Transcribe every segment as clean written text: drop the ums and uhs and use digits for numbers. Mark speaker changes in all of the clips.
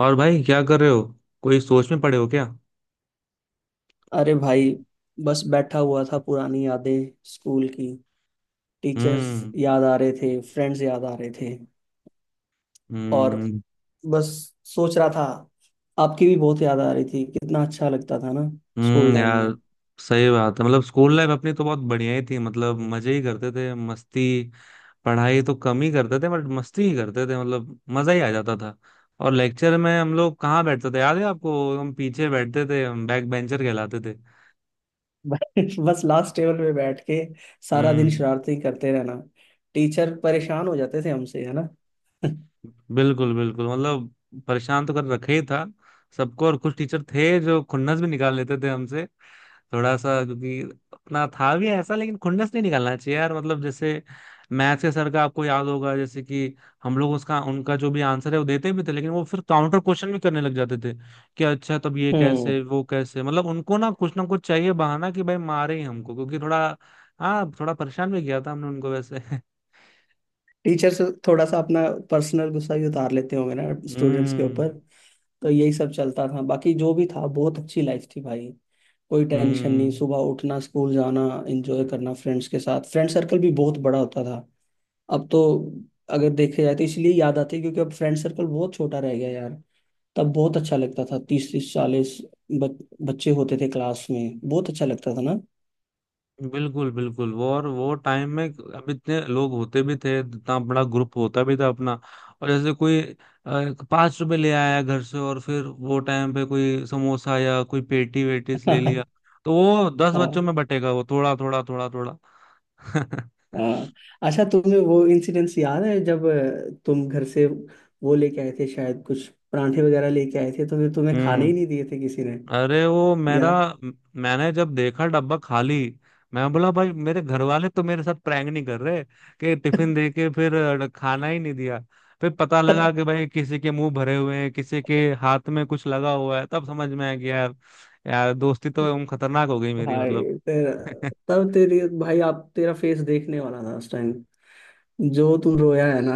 Speaker 1: और भाई, क्या कर रहे हो? कोई सोच में पड़े हो क्या?
Speaker 2: अरे भाई। बस बैठा हुआ था, पुरानी यादें, स्कूल की टीचर्स
Speaker 1: हम्म।
Speaker 2: याद आ रहे थे, फ्रेंड्स याद आ रहे थे। और
Speaker 1: हम्म।
Speaker 2: बस सोच रहा था, आपकी भी बहुत याद आ रही थी। कितना अच्छा लगता था ना स्कूल टाइम में।
Speaker 1: यार। सही बात है। मतलब स्कूल लाइफ अपनी तो बहुत बढ़िया ही थी। मतलब मजे ही करते थे, मस्ती। पढ़ाई तो कम ही करते थे, बट मस्ती ही करते थे। मतलब मजा ही आ जाता था। और लेक्चर में हम लोग कहाँ बैठते थे, याद है आपको? हम पीछे बैठते थे। हम बैक बेंचर कहलाते थे।
Speaker 2: बस लास्ट टेबल पे बैठ के सारा दिन
Speaker 1: हम्म।
Speaker 2: शरारती करते रहना, टीचर परेशान हो जाते थे हमसे, है ना।
Speaker 1: बिल्कुल बिल्कुल, मतलब परेशान तो कर रखे ही था सबको। और कुछ टीचर थे जो खुन्नस भी निकाल लेते थे हमसे, थोड़ा सा, क्योंकि अपना था भी ऐसा। लेकिन खुन्नस नहीं निकालना चाहिए यार। मतलब जैसे मैथ्स के सर का आपको याद होगा, जैसे कि हम लोग उसका उनका जो भी आंसर है वो देते भी थे, लेकिन वो फिर काउंटर क्वेश्चन भी करने लग जाते थे कि अच्छा तब ये
Speaker 2: हम्म।
Speaker 1: कैसे, वो कैसे। मतलब उनको ना कुछ चाहिए बहाना कि भाई मारे ही हमको, क्योंकि थोड़ा। हाँ, थोड़ा परेशान भी किया था हमने उनको वैसे
Speaker 2: टीचर्स थोड़ा सा अपना पर्सनल गुस्सा भी उतार लेते होंगे ना, स्टूडेंट्स के
Speaker 1: हम्म।
Speaker 2: ऊपर। तो यही सब चलता था, बाकी जो भी था बहुत अच्छी लाइफ थी भाई। कोई टेंशन नहीं,
Speaker 1: हम्म।
Speaker 2: सुबह उठना, स्कूल जाना, एंजॉय करना फ्रेंड्स के साथ। फ्रेंड सर्कल भी बहुत बड़ा होता था, अब तो अगर देखे जाए तो इसलिए याद आती है, क्योंकि अब फ्रेंड सर्कल बहुत छोटा रह गया यार। तब बहुत अच्छा लगता था, 30 30 40 बच, बच्चे होते थे क्लास में, बहुत अच्छा लगता था ना।
Speaker 1: बिल्कुल बिल्कुल वो, और वो टाइम में अब इतने लोग होते भी थे, इतना बड़ा ग्रुप होता भी था अपना। और जैसे कोई 5 रुपए ले आया घर से, और फिर वो टाइम पे कोई समोसा या कोई पेटी वेटीस ले लिया तो वो 10 बच्चों
Speaker 2: हाँ,
Speaker 1: में बटेगा वो, थोड़ा थोड़ा थोड़ा थोड़ा
Speaker 2: हाँ। अच्छा, तुम्हें वो इंसिडेंस याद है जब तुम घर से वो लेके आए थे, शायद कुछ परांठे वगैरह लेके आए थे, तो फिर तुम्हें खाने ही
Speaker 1: हम्म।
Speaker 2: नहीं दिए थे किसी ने
Speaker 1: अरे वो मेरा,
Speaker 2: यार।
Speaker 1: मैंने जब देखा डब्बा खाली, मैं बोला भाई मेरे घर वाले तो मेरे साथ प्रैंक नहीं कर रहे कि टिफिन दे के फिर खाना ही नहीं दिया। फिर पता लगा कि भाई किसी के मुंह भरे हुए हैं, किसी के हाथ में कुछ लगा हुआ है, तब समझ में आया कि यार, यार दोस्ती तो एकदम खतरनाक हो गई मेरी, मतलब
Speaker 2: भाई तेरा, तब तेरी भाई, आप तेरा फेस देखने वाला था उस टाइम, जो तू रोया है ना।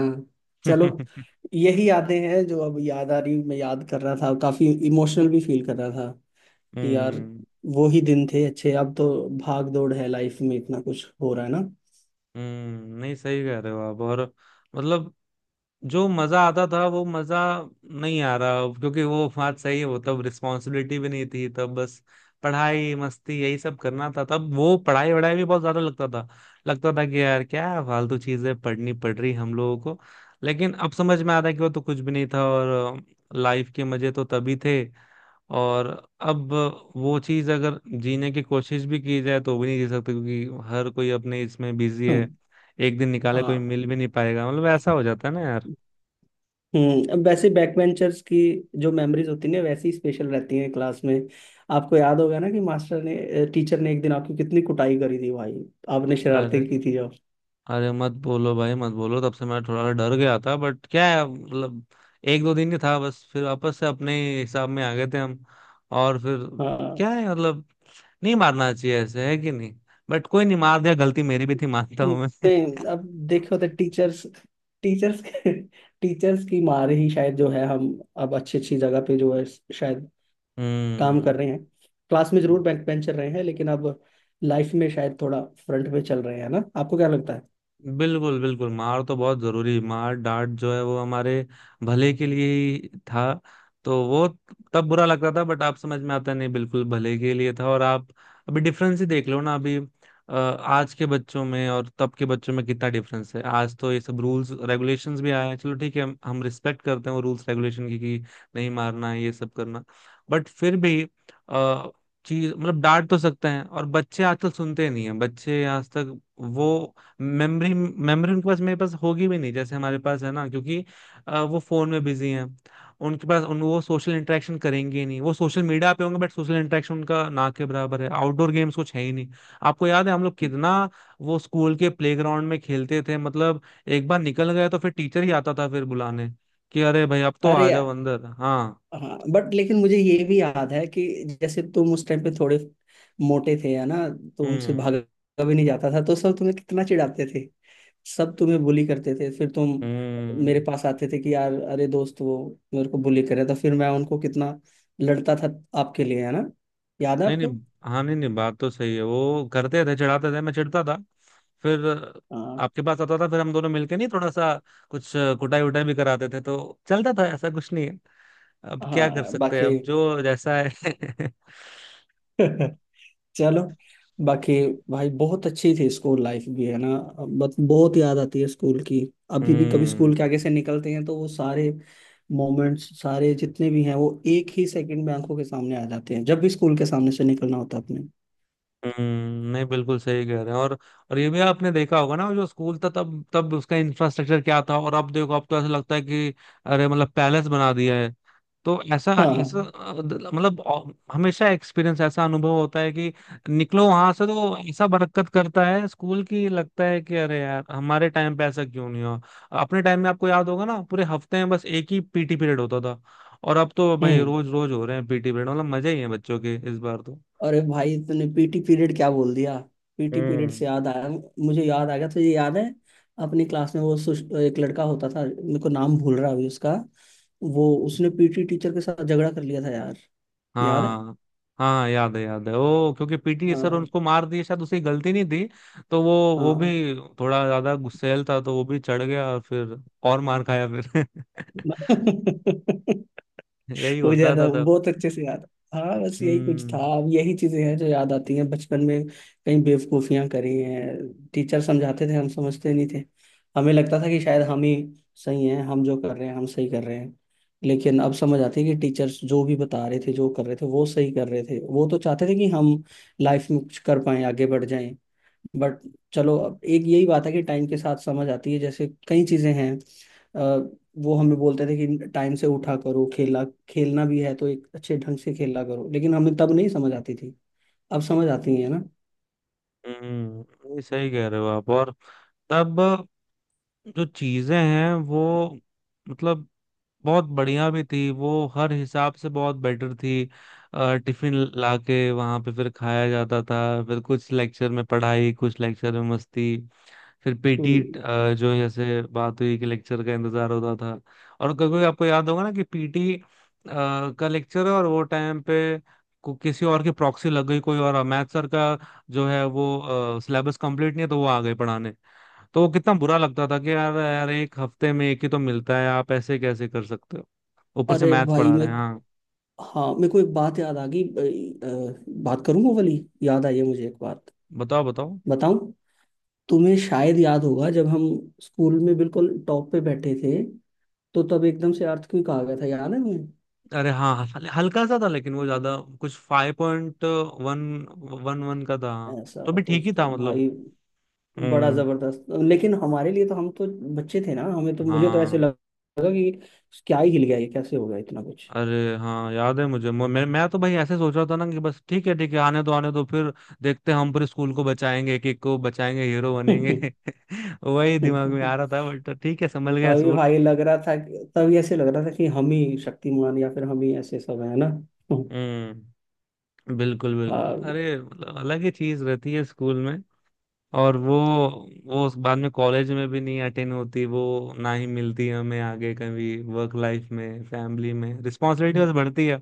Speaker 2: चलो,
Speaker 1: हम्म।
Speaker 2: यही यादें हैं जो अब याद आ रही। मैं याद कर रहा था, काफी इमोशनल भी फील कर रहा था कि यार वो ही दिन थे अच्छे। अब तो भाग दौड़ है, लाइफ में इतना कुछ हो रहा है ना।
Speaker 1: हम्म। नहीं, सही कह रहे हो आप। और मतलब जो मजा आता था वो मजा नहीं आ रहा अब, क्योंकि वो बात सही है। वो तब रिस्पॉन्सिबिलिटी भी नहीं थी। तब बस पढ़ाई मस्ती यही सब करना था। तब वो पढ़ाई वढ़ाई भी बहुत ज्यादा लगता था, लगता था कि यार क्या फालतू चीजें पढ़नी पड़ रही हम लोगों को। लेकिन अब समझ में आता है कि वो तो कुछ भी नहीं था, और लाइफ के मजे तो तभी थे। और अब वो चीज अगर जीने की कोशिश भी की जाए तो भी नहीं जी सकते, क्योंकि हर कोई अपने इसमें बिजी है।
Speaker 2: हम्म।
Speaker 1: एक दिन निकाले कोई
Speaker 2: आ,
Speaker 1: मिल भी नहीं पाएगा। मतलब ऐसा हो जाता है ना यार।
Speaker 2: अब वैसे बैक बेंचर्स की जो मेमोरीज होती है ना, वैसी स्पेशल रहती हैं क्लास में। आपको याद होगा ना कि मास्टर ने, टीचर ने एक दिन आपकी कितनी कुटाई करी थी भाई, आपने
Speaker 1: अरे,
Speaker 2: शरारतें की थी।
Speaker 1: अरे मत बोलो भाई मत बोलो। तब से मैं थोड़ा डर गया था, बट क्या है मतलब 1-2 दिन ही था बस, फिर वापस से अपने हिसाब में आ गए थे हम। और फिर
Speaker 2: हाँ।
Speaker 1: क्या है मतलब, नहीं मारना चाहिए ऐसे, है कि नहीं? बट कोई नहीं, मार दिया, गलती मेरी भी थी, मानता हूँ मैं
Speaker 2: नहीं, अब देखो तो टीचर्स, टीचर्स के, टीचर्स की मार ही शायद, जो है हम अब अच्छी अच्छी जगह पे जो है, शायद काम
Speaker 1: हम्म।
Speaker 2: कर रहे हैं। क्लास में जरूर बैक बेंचर रहे हैं, लेकिन अब लाइफ में शायद थोड़ा फ्रंट पे चल रहे हैं ना। आपको क्या लगता है?
Speaker 1: बिल्कुल बिल्कुल, मार तो बहुत जरूरी, मार डांट जो है वो हमारे भले के लिए ही था। तो वो तब बुरा लगता था, बट आप समझ में आता है, नहीं, बिल्कुल भले के लिए था। और आप अभी डिफरेंस ही देख लो ना, अभी आज के बच्चों में और तब के बच्चों में कितना डिफरेंस है। आज तो ये सब रूल्स रेगुलेशंस भी आए हैं, चलो ठीक है, हम रिस्पेक्ट करते हैं वो रूल्स रेगुलेशन की कि नहीं मारना है, ये सब करना। बट फिर भी अ, चीज मतलब डांट तो सकते हैं, और बच्चे आजकल सुनते नहीं है। बच्चे आज तक वो मेमोरी मेमोरी उनके पास, मेरे पास होगी भी नहीं जैसे हमारे पास है ना, क्योंकि वो फोन में बिजी हैं। उनके पास उन वो सोशल इंटरेक्शन करेंगे ही नहीं, वो सोशल मीडिया पे होंगे, बट सोशल इंटरेक्शन उनका ना के बराबर है। आउटडोर गेम्स कुछ है ही नहीं। आपको याद है हम लोग कितना वो स्कूल के प्लेग्राउंड में खेलते थे? मतलब एक बार निकल गया तो फिर टीचर ही आता था फिर बुलाने, कि अरे भाई अब तो आ
Speaker 2: अरे
Speaker 1: जाओ अंदर, हाँ।
Speaker 2: हाँ, बट लेकिन मुझे ये भी याद है कि जैसे तुम उस टाइम पे थोड़े मोटे थे, है ना। तुमसे
Speaker 1: हम्म।
Speaker 2: भागा भी नहीं जाता था, तो सब तुम्हें कितना चिढ़ाते थे, सब तुम्हें बुली करते थे। फिर तुम मेरे
Speaker 1: हम्म।
Speaker 2: पास आते थे कि यार, अरे दोस्त, वो मेरे को बुली कर रहा था। फिर मैं उनको कितना लड़ता था आपके लिए, है ना। याद है
Speaker 1: नहीं नहीं।
Speaker 2: आपको?
Speaker 1: हाँ, नहीं नहीं, बात तो सही है, वो करते थे चिढ़ाते थे, मैं चिढ़ता था, फिर
Speaker 2: हाँ,
Speaker 1: आपके पास आता था, फिर हम दोनों मिलके, नहीं थोड़ा सा कुछ कुटाई उटाई भी कराते थे तो। चलता था, ऐसा कुछ नहीं है। अब क्या कर
Speaker 2: हाँ,
Speaker 1: सकते हैं,
Speaker 2: बाकी।
Speaker 1: अब जो जैसा है
Speaker 2: चलो, बाकी भाई बहुत अच्छी थी स्कूल लाइफ भी, है ना। बट बहुत याद आती है स्कूल की, अभी भी कभी
Speaker 1: हम्म।
Speaker 2: स्कूल के आगे से निकलते हैं तो वो सारे मोमेंट्स, सारे जितने भी हैं, वो एक ही सेकंड में आंखों के सामने आ जाते हैं, जब भी स्कूल के सामने से निकलना होता है अपने।
Speaker 1: हम्म। नहीं, बिल्कुल सही कह रहे हैं। और ये भी आपने देखा होगा ना, जो स्कूल था तब तब उसका इंफ्रास्ट्रक्चर क्या था, और अब देखो, अब तो ऐसा लगता है कि अरे मतलब पैलेस बना दिया है। तो ऐसा,
Speaker 2: हाँ, हाँ।
Speaker 1: हमेशा एक्सपीरियंस ऐसा अनुभव होता है कि निकलो वहां से तो ऐसा बरकत करता है स्कूल की, लगता है कि अरे यार हमारे टाइम पे ऐसा क्यों नहीं हुआ। अपने टाइम में आपको याद होगा ना, पूरे हफ्ते में बस एक ही पीटी पीरियड होता था। और अब तो भाई
Speaker 2: हम्म।
Speaker 1: रोज रोज हो रहे हैं पीटी पीरियड, मतलब मजे ही है बच्चों के इस बार तो।
Speaker 2: अरे भाई, तूने PT पीरियड क्या बोल दिया। PT पीरियड
Speaker 1: हम्म।
Speaker 2: से याद आया, मुझे याद आ गया, तुझे याद है अपनी क्लास में वो एक लड़का होता था, मेरे को नाम भूल रहा है अभी उसका, वो उसने PT टीचर के साथ झगड़ा कर लिया था यार। याद है?
Speaker 1: हाँ, हाँ याद है, याद है वो, क्योंकि पीटी सर
Speaker 2: हाँ,
Speaker 1: उनको मार दिए, शायद उसकी गलती नहीं थी। तो वो
Speaker 2: हाँ।
Speaker 1: भी थोड़ा ज्यादा गुस्सैल था, तो वो भी चढ़ गया, और फिर और मार खाया फिर यही
Speaker 2: वो
Speaker 1: होता था
Speaker 2: ज्यादा
Speaker 1: तब।
Speaker 2: बहुत अच्छे से याद। हाँ, बस यही कुछ
Speaker 1: हम्म।
Speaker 2: था। अब यही चीजें हैं जो याद आती हैं बचपन में, कई बेवकूफियां करी हैं। टीचर समझाते थे हम समझते नहीं थे, हमें लगता था कि शायद हम ही सही हैं, हम जो कर रहे हैं हम सही कर रहे हैं। लेकिन अब समझ आती है कि टीचर्स जो भी बता रहे थे, जो कर रहे थे वो सही कर रहे थे। वो तो चाहते थे कि हम लाइफ में कुछ कर पाएं, आगे बढ़ जाएं। बट चलो, अब एक यही बात है कि टाइम के साथ समझ आती है। जैसे कई चीज़ें हैं, अ, वो हमें बोलते थे कि टाइम से उठा करो, खेला खेलना भी है तो एक अच्छे ढंग से खेला करो, लेकिन हमें तब नहीं समझ आती थी, अब समझ आती है ना।
Speaker 1: हम्म, ये सही कह रहे हो आप। और तब जो चीजें हैं वो, मतलब बहुत बढ़िया भी थी वो, हर हिसाब से बहुत बेटर थी। टिफिन लाके वहां पे फिर खाया जाता था। फिर कुछ लेक्चर में पढ़ाई, कुछ लेक्चर में मस्ती, फिर पीटी,
Speaker 2: हम्म।
Speaker 1: जो जैसे बात हुई कि लेक्चर का इंतजार होता था। और कभी कभी आपको याद होगा ना कि पीटी का लेक्चर है, और वो टाइम पे किसी और की प्रॉक्सी लग गई, कोई और मैथ सर का जो है वो सिलेबस कंप्लीट नहीं है तो वो आ गए पढ़ाने। तो वो कितना बुरा लगता था कि यार यार, एक हफ्ते में एक ही तो मिलता है, आप ऐसे कैसे कर सकते हो? ऊपर से
Speaker 2: अरे
Speaker 1: मैथ्स
Speaker 2: भाई
Speaker 1: पढ़ा रहे हैं,
Speaker 2: मेरे,
Speaker 1: हाँ।
Speaker 2: हाँ, मेरे को एक बात याद आ गई, बात करूँ वो वाली, याद आई है मुझे एक बात,
Speaker 1: बताओ बताओ।
Speaker 2: बताऊं? तुम्हें शायद याद होगा जब हम स्कूल में बिल्कुल टॉप पे बैठे थे, तो तब एकदम से अर्थ क्यों कहा गया था, याद है तुम्हें?
Speaker 1: अरे हाँ, हल्का सा था, लेकिन वो ज्यादा कुछ 5.111 का था। हाँ,
Speaker 2: ऐसा
Speaker 1: तो भी ठीक
Speaker 2: कुछ
Speaker 1: ही
Speaker 2: तो
Speaker 1: था मतलब।
Speaker 2: भाई बड़ा
Speaker 1: हम्म।
Speaker 2: जबरदस्त, लेकिन हमारे लिए तो हम तो बच्चे थे ना, हमें तो, मुझे तो ऐसे
Speaker 1: हाँ।
Speaker 2: लगा कि क्या ही हिल गया, ये कैसे हो गया इतना कुछ।
Speaker 1: अरे हाँ, याद है मुझे। मैं तो भाई ऐसे सोच रहा था ना कि बस ठीक है आने दो फिर, देखते हैं, हम पूरे स्कूल को बचाएंगे, एक एक को बचाएंगे, हीरो बनेंगे वही दिमाग में आ रहा था, बट ठीक है, संभल गया
Speaker 2: तभी
Speaker 1: स्कूल।
Speaker 2: भाई लग रहा था तभी ऐसे लग रहा था कि हम ही शक्तिमान, या फिर हम ही ऐसे सब, है ना।
Speaker 1: हम्म। बिल्कुल बिल्कुल,
Speaker 2: हाँ,
Speaker 1: अरे मतलब अलग ही चीज रहती है स्कूल में। और वो उस बाद में कॉलेज में भी नहीं अटेंड होती वो, ना ही मिलती है हमें आगे कभी, वर्क लाइफ में, फैमिली में, रिस्पॉन्सिबिलिटी बस बढ़ती है,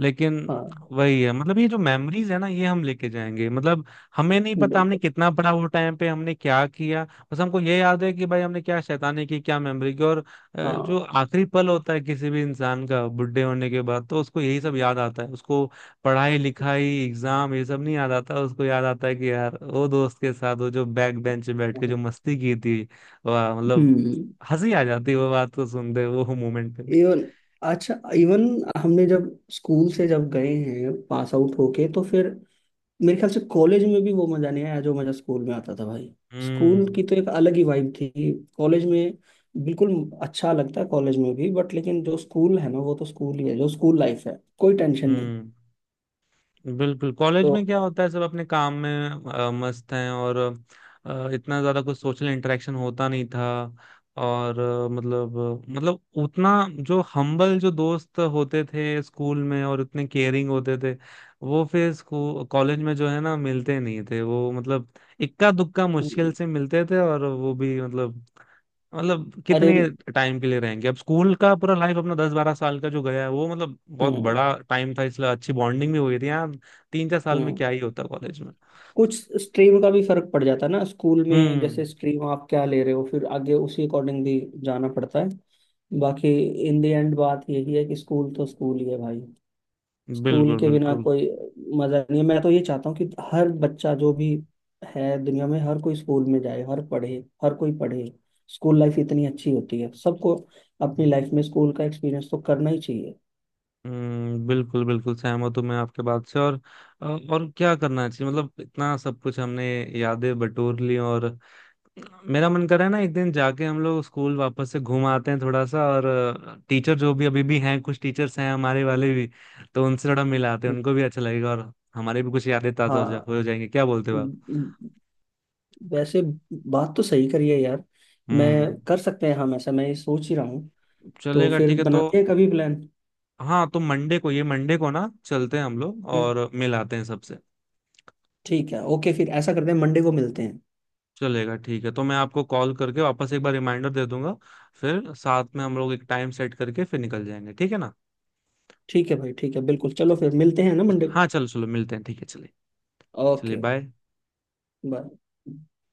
Speaker 1: लेकिन
Speaker 2: हाँ,
Speaker 1: वही है मतलब। ये जो मेमोरीज है ना, ये हम लेके जाएंगे, मतलब हमें नहीं पता हमने
Speaker 2: बिल्कुल,
Speaker 1: कितना पढ़ा वो टाइम पे, हमने क्या किया। बस हमको ये याद है कि भाई हमने क्या शैतानी की, क्या मेमोरी की। और जो
Speaker 2: हाँ।
Speaker 1: आखिरी पल होता है किसी भी इंसान का बुढ़े होने के बाद तो उसको यही सब याद आता है। उसको पढ़ाई लिखाई एग्जाम ये सब नहीं याद आता, उसको याद आता है कि यार वो दोस्त के साथ वो जो बैक बेंच पे बैठ के जो मस्ती की थी, वाह मतलब
Speaker 2: हम्म।
Speaker 1: हंसी आ जाती है वो बात को सुनते, वो मोमेंट पे भी।
Speaker 2: इवन, अच्छा इवन, हमने जब स्कूल से जब गए हैं पास आउट होके, तो फिर मेरे ख्याल से कॉलेज में भी वो मजा नहीं आया जो मजा स्कूल में आता था भाई। स्कूल
Speaker 1: हम्म।
Speaker 2: की तो एक अलग ही वाइब थी। कॉलेज में बिल्कुल अच्छा लगता है कॉलेज में भी, बट लेकिन जो स्कूल है ना, वो तो स्कूल ही है। जो स्कूल लाइफ है कोई टेंशन नहीं।
Speaker 1: हम्म। बिल्कुल। कॉलेज में
Speaker 2: तो
Speaker 1: क्या होता है, सब अपने काम में मस्त हैं, और इतना ज्यादा कुछ सोशल इंटरेक्शन होता नहीं था। और मतलब उतना जो हम्बल जो दोस्त होते थे स्कूल में और उतने केयरिंग होते थे, वो फिर स्कूल कॉलेज में जो है ना मिलते नहीं थे वो, मतलब इक्का दुक्का मुश्किल
Speaker 2: हम्म।
Speaker 1: से मिलते थे, और वो भी मतलब कितने
Speaker 2: अरे,
Speaker 1: टाइम के लिए रहेंगे। अब स्कूल का पूरा लाइफ अपना 10-12 साल का जो गया है वो, मतलब बहुत
Speaker 2: हम्म,
Speaker 1: बड़ा टाइम था, इसलिए अच्छी बॉन्डिंग भी हुई थी यहाँ। 3-4 साल में
Speaker 2: हम्म।
Speaker 1: क्या ही होता कॉलेज में।
Speaker 2: कुछ स्ट्रीम का भी फर्क पड़ जाता है ना स्कूल में,
Speaker 1: हम्म।
Speaker 2: जैसे स्ट्रीम आप क्या ले रहे हो, फिर आगे उसी अकॉर्डिंग भी जाना पड़ता है। बाकी इन द एंड बात यही है कि स्कूल तो स्कूल ही है भाई। स्कूल
Speaker 1: बिल्कुल
Speaker 2: के बिना
Speaker 1: बिल्कुल।
Speaker 2: कोई मजा नहीं है। मैं तो ये चाहता हूँ कि हर बच्चा जो भी है दुनिया में, हर कोई स्कूल में जाए, हर पढ़े, हर कोई पढ़े। स्कूल लाइफ इतनी अच्छी होती है, सबको अपनी लाइफ में स्कूल का एक्सपीरियंस तो करना ही चाहिए।
Speaker 1: हम्म, बिल्कुल बिल्कुल सहमत हूँ मैं आपके बात से। और क्या करना चाहिए मतलब, इतना सब कुछ हमने यादें बटोर ली। और मेरा मन कर रहा है ना, एक दिन जाके हम लोग स्कूल वापस से घूम आते हैं, थोड़ा सा। और टीचर जो भी अभी भी हैं, कुछ टीचर्स हैं हमारे वाले भी, तो उनसे थोड़ा मिलाते हैं, उनको भी अच्छा लगेगा, और हमारे भी कुछ यादें ताजा
Speaker 2: हाँ,
Speaker 1: हो जाएंगी। क्या बोलते हो आप?
Speaker 2: वैसे बात तो सही करी है यार। मैं,
Speaker 1: हम्म।
Speaker 2: कर सकते हैं हम ऐसा, मैं ये सोच ही रहा हूँ, तो
Speaker 1: चलेगा,
Speaker 2: फिर
Speaker 1: ठीक है तो।
Speaker 2: बनाते हैं कभी प्लान।
Speaker 1: हाँ तो मंडे को, ये मंडे को ना चलते हैं हम लोग
Speaker 2: हम्म,
Speaker 1: और मिलाते हैं सबसे।
Speaker 2: ठीक है, ओके, फिर ऐसा करते हैं मंडे को मिलते हैं।
Speaker 1: चलेगा, ठीक है तो मैं आपको कॉल करके वापस एक बार रिमाइंडर दे दूंगा, फिर साथ में हम लोग एक टाइम सेट करके फिर निकल जाएंगे, ठीक है ना?
Speaker 2: ठीक है भाई, ठीक है, बिल्कुल। चलो, फिर मिलते हैं ना मंडे को।
Speaker 1: हाँ, चलो चलो मिलते हैं, ठीक है, चलिए। चलिए,
Speaker 2: ओके,
Speaker 1: बाय।
Speaker 2: बाय।